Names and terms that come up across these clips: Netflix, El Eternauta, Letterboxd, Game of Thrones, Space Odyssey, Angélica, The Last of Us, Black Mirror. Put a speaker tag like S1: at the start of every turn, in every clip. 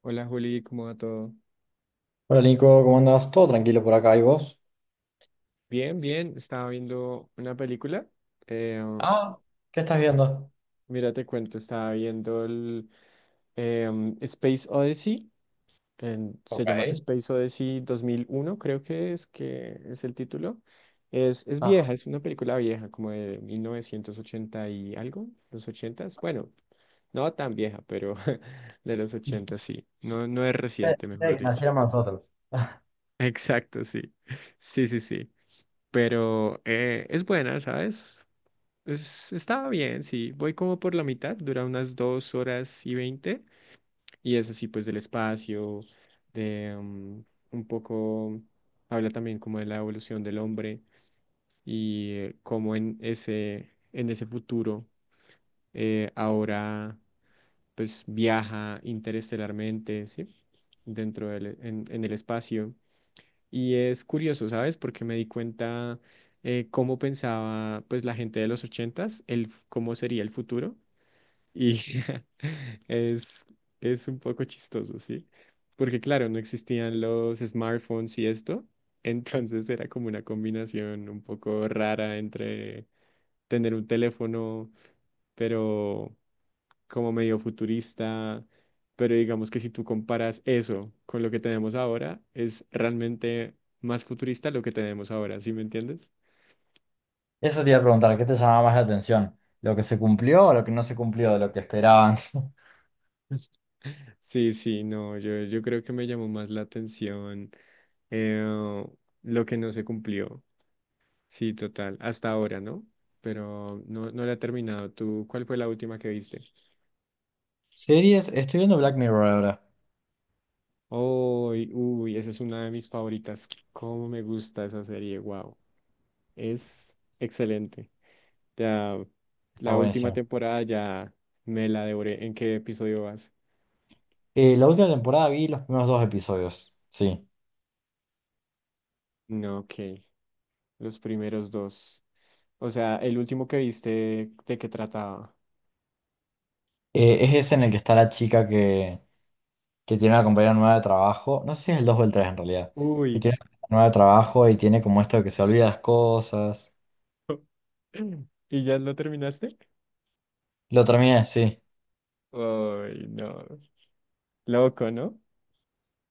S1: Hola Juli, ¿cómo va todo?
S2: Hola Nico, ¿cómo andas? ¿Todo tranquilo por acá? ¿Y vos?
S1: Bien, bien, estaba viendo una película. Eh,
S2: Ah, ¿qué estás viendo?
S1: mira, te cuento, estaba viendo el Space Odyssey, se
S2: Ok.
S1: llama Space Odyssey 2001, creo que es el título. Es
S2: Ah,
S1: vieja, es una película vieja, como de 1980 y algo, los ochentas. Bueno, no tan vieja, pero de los 80 sí. No, no es reciente, mejor
S2: de que
S1: dicho.
S2: naciéramos nosotros.
S1: Exacto, sí. Sí, sí, sí. Pero es buena, ¿sabes? Está bien, sí. Voy como por la mitad, dura unas 2 horas y 20. Y es así, pues, del espacio, de un poco, habla también como de la evolución del hombre y cómo en ese futuro ahora, pues, viaja interestelarmente, ¿sí? Dentro en el espacio. Y es curioso, ¿sabes? Porque me di cuenta cómo pensaba pues la gente de los ochentas, cómo sería el futuro. Y es, es un poco chistoso, ¿sí? Porque claro, no existían los smartphones y esto. Entonces era como una combinación un poco rara entre tener un teléfono, pero como medio futurista, pero digamos que si tú comparas eso con lo que tenemos ahora, es realmente más futurista lo que tenemos ahora, ¿sí me entiendes?
S2: Eso te iba a preguntar, ¿qué te llamaba más la atención? ¿Lo que se cumplió o lo que no se cumplió de lo que esperaban?
S1: Sí, sí, no, yo creo que me llamó más la atención eh, lo que no se cumplió, sí, total, hasta ahora, ¿no? Pero no, no la he terminado. ¿Tú cuál fue la última que viste?
S2: Series, estoy viendo Black Mirror ahora.
S1: Uy, uy, esa es una de mis favoritas. ¿Cómo me gusta esa serie? Wow. Es excelente. Ya,
S2: Está
S1: la última
S2: buenísimo.
S1: temporada ya me la devoré. ¿En qué episodio vas?
S2: La última temporada vi los primeros dos episodios, sí.
S1: No, ok. Los primeros dos. O sea, el último que viste, ¿de qué trataba?
S2: Es ese en el que está la chica que tiene una compañera nueva de trabajo. No sé si es el 2 o el 3 en realidad. Que
S1: Uy.
S2: tiene una compañera nueva de trabajo y tiene como esto de que se olvida las cosas.
S1: ¿Y ya lo terminaste?
S2: Lo terminé, sí.
S1: Uy, no. Loco, ¿no?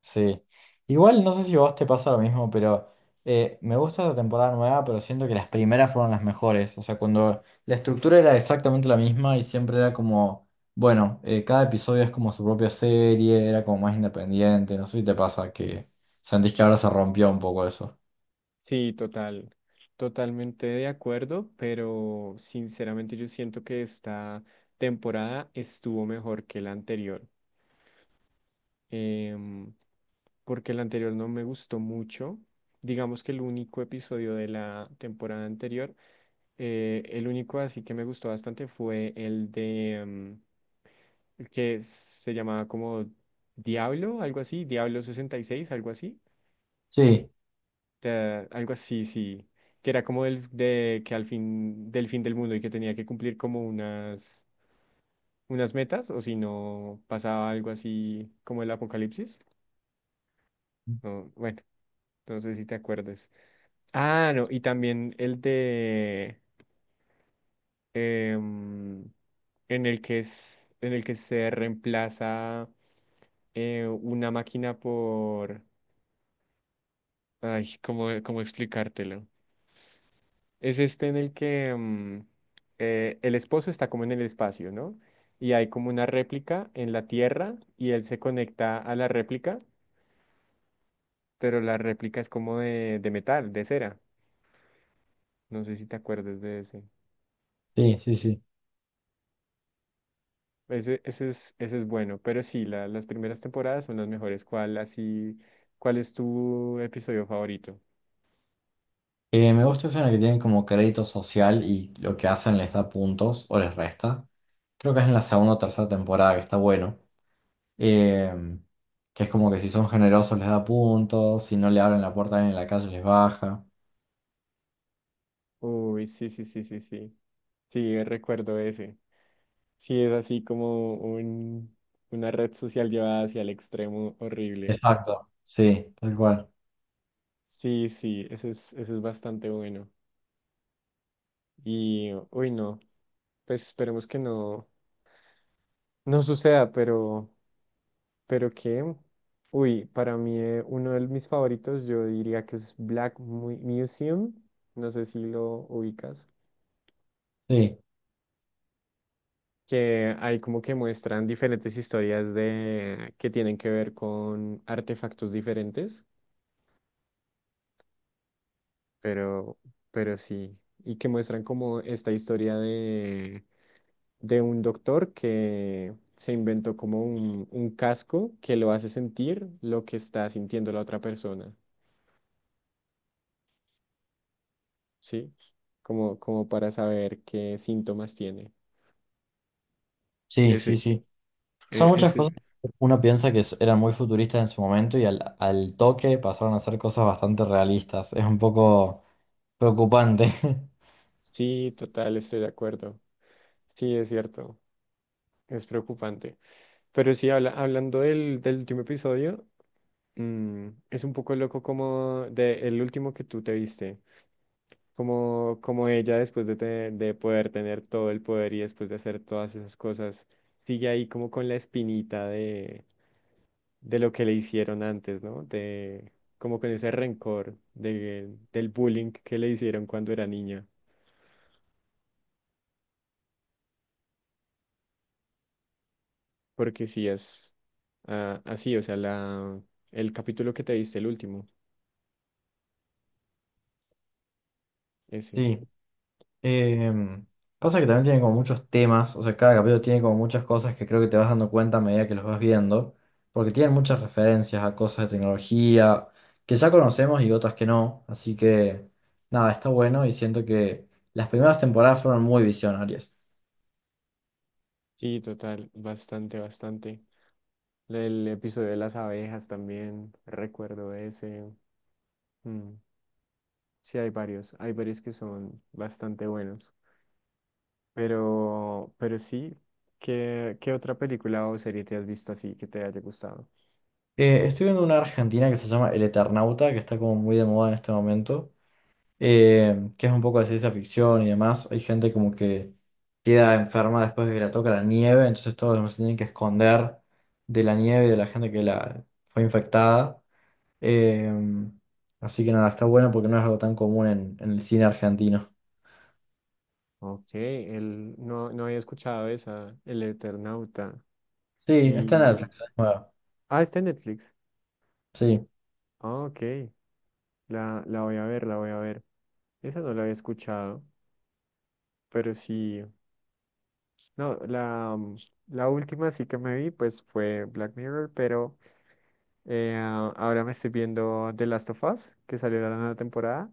S2: Sí. Igual no sé si a vos te pasa lo mismo, pero me gusta la temporada nueva, pero siento que las primeras fueron las mejores. O sea, cuando la estructura era exactamente la misma y siempre era como, bueno, cada episodio es como su propia serie, era como más independiente. No sé si te pasa que sentís que ahora se rompió un poco eso.
S1: Sí, total. Totalmente de acuerdo, pero sinceramente yo siento que esta temporada estuvo mejor que la anterior. em, porque el anterior no me gustó mucho. Digamos que el único episodio de la temporada anterior, el único así que me gustó bastante fue el de el que se llamaba como Diablo, algo así, Diablo 66
S2: Sí,
S1: algo así, sí, que era como de que al fin del mundo y que tenía que cumplir como unas metas o si no pasaba algo así como el apocalipsis. No, bueno, no sé si te acuerdas. Ah, no, y también el de em, en el que es, en el que se reemplaza una máquina por ay, ¿cómo explicártelo? Es este en el que el esposo está como en el espacio, ¿no? Y hay como una réplica en la Tierra y él se conecta a la réplica, pero la réplica es como de metal, de cera. No sé si te acuerdas de ese.
S2: sí, sí, sí.
S1: Ese es bueno, pero sí, las primeras temporadas son las mejores. ¿Cuál es tu episodio favorito?
S2: Me gusta esa en la que tienen como crédito social y lo que hacen les da puntos o les resta. Creo que es en la segunda o tercera temporada que está bueno. em, que es como que si son generosos les da puntos, si no le abren la puerta a alguien en la calle les baja.
S1: Uy, sí, sí, sí, sí, sí. Sí, recuerdo ese. Sí, es así como una red social llevada hacia el extremo horrible.
S2: Exacto, sí, tal cual.
S1: Sí, sí, ese es bastante bueno. Y, uy, no, pues esperemos que no, no suceda, pero que, uy, para mí uno de mis favoritos, yo diría que es Black Museum, no sé si lo ubicas,
S2: Sí,
S1: que ahí como que muestran diferentes historias de que tienen que ver con artefactos diferentes, pero, pero sí, y que muestran como esta historia de un doctor que se inventó como un casco que lo hace sentir lo que está sintiendo la otra persona. ¿Sí? Como para saber qué síntomas tiene.
S2: sí,
S1: Ese,
S2: sí, sí. Son
S1: e-
S2: muchas
S1: ese,
S2: cosas que uno piensa que eran muy futuristas en su momento y al toque pasaron a ser cosas bastante realistas. Es un poco preocupante.
S1: Sí, total, estoy de acuerdo. Sí, es cierto, es preocupante. Pero sí, hablando del último episodio, es un poco loco como de el último que tú te viste, como ella después de poder tener todo el poder y después de hacer todas esas cosas, sigue ahí como con la espinita de lo que le hicieron antes, ¿no? De como con ese rencor del bullying que le hicieron cuando era niña. Porque sí es así, o sea, el capítulo que te diste, el último, ese.
S2: Sí. Em, Pasa que también tiene como muchos temas, o sea, cada capítulo tiene como muchas cosas que creo que te vas dando cuenta a medida que los vas viendo, porque tienen muchas referencias a cosas de tecnología que ya conocemos y otras que no, así que nada, está bueno y siento que las primeras temporadas fueron muy visionarias.
S1: Sí, total, bastante, bastante. El episodio de las abejas también, recuerdo ese. Mm, sí, hay varios, que son bastante buenos. Pero sí, ¿qué otra película o serie te has visto así que te haya gustado?
S2: Estoy viendo una argentina que se llama El Eternauta, que está como muy de moda en este momento. Que es un poco de ciencia ficción y demás. Hay gente como que queda enferma después de que la toca la nieve, entonces todos se tienen que esconder de la nieve y de la gente que la fue infectada. Eh, Así que nada, está bueno porque no es algo tan común en el cine argentino.
S1: Ok, él no, no había escuchado esa, El Eternauta.
S2: Sí, está en
S1: Y.
S2: Netflix, es nueva.
S1: Ah, está en Netflix.
S2: Sí,
S1: Ah, ok. La voy a ver, la voy a ver. Esa no la había escuchado, pero sí. No, la última sí que me vi, pues fue Black Mirror, pero ah, ahora me estoy viendo The Last of Us, que salió la nueva temporada.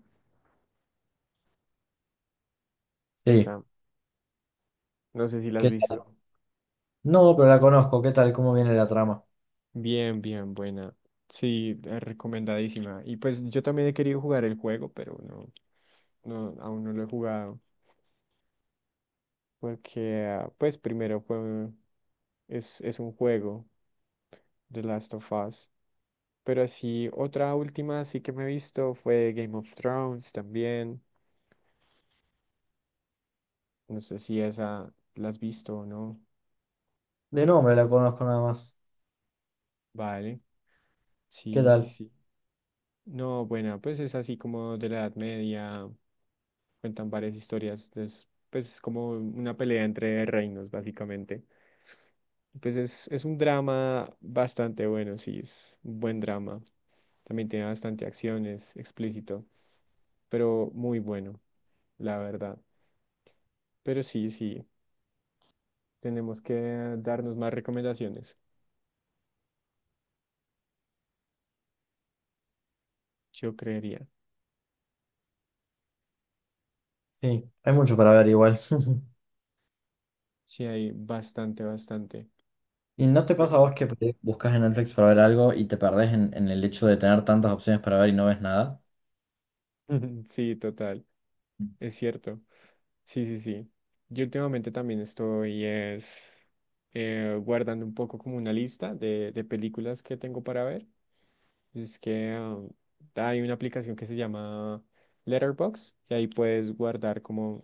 S2: sí.
S1: Esa, no sé si la has
S2: ¿Qué tal?
S1: visto.
S2: No, pero la conozco. ¿Qué tal? ¿Cómo viene la trama?
S1: Bien, bien, buena. Sí, recomendadísima. Y pues yo también he querido jugar el juego, pero no, no, aún no lo he jugado. Porque, ah, pues primero es un juego, The Last of Us. Pero así, otra última sí que me he visto fue Game of Thrones también. No sé si esa la has visto o no.
S2: De nombre la conozco nada más.
S1: Vale.
S2: ¿Qué
S1: Sí, sí,
S2: tal?
S1: sí. No, bueno, pues es así como de la Edad Media. Cuentan varias historias. Pues es como una pelea entre reinos, básicamente. Pues es un drama bastante bueno, sí, es un buen drama. También tiene bastante acción, es explícito, pero muy bueno, la verdad. Pero sí, sí, tenemos que darnos más recomendaciones, yo creería.
S2: Sí, hay mucho para ver igual.
S1: Sí, hay bastante, bastante.
S2: ¿Y no te pasa a
S1: Pero
S2: vos que por ahí buscas en Netflix para ver algo y te perdés en el hecho de tener tantas opciones para ver y no ves nada?
S1: sí, total. Es cierto. Sí, sí, sí. Yo últimamente también estoy guardando un poco como una lista de películas que tengo para ver. Es que hay una aplicación que se llama Letterboxd y ahí puedes guardar como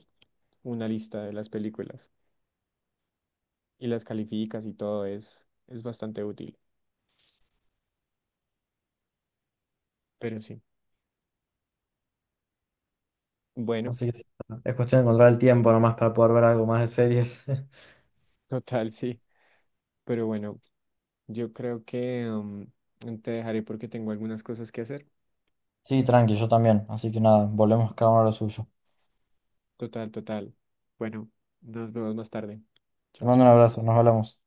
S1: una lista de las películas y las calificas y todo es bastante útil. Pero sí, bueno,
S2: Así que sí, es cuestión de encontrar el tiempo nomás para poder ver algo más de series.
S1: total, sí. Pero bueno, yo creo que te dejaré porque tengo algunas cosas que hacer.
S2: Sí, tranqui, yo también. Así que nada, volvemos cada uno a lo suyo.
S1: Total, total. Bueno, nos vemos más tarde.
S2: Te
S1: Chao,
S2: mando un
S1: chao.
S2: abrazo, nos hablamos.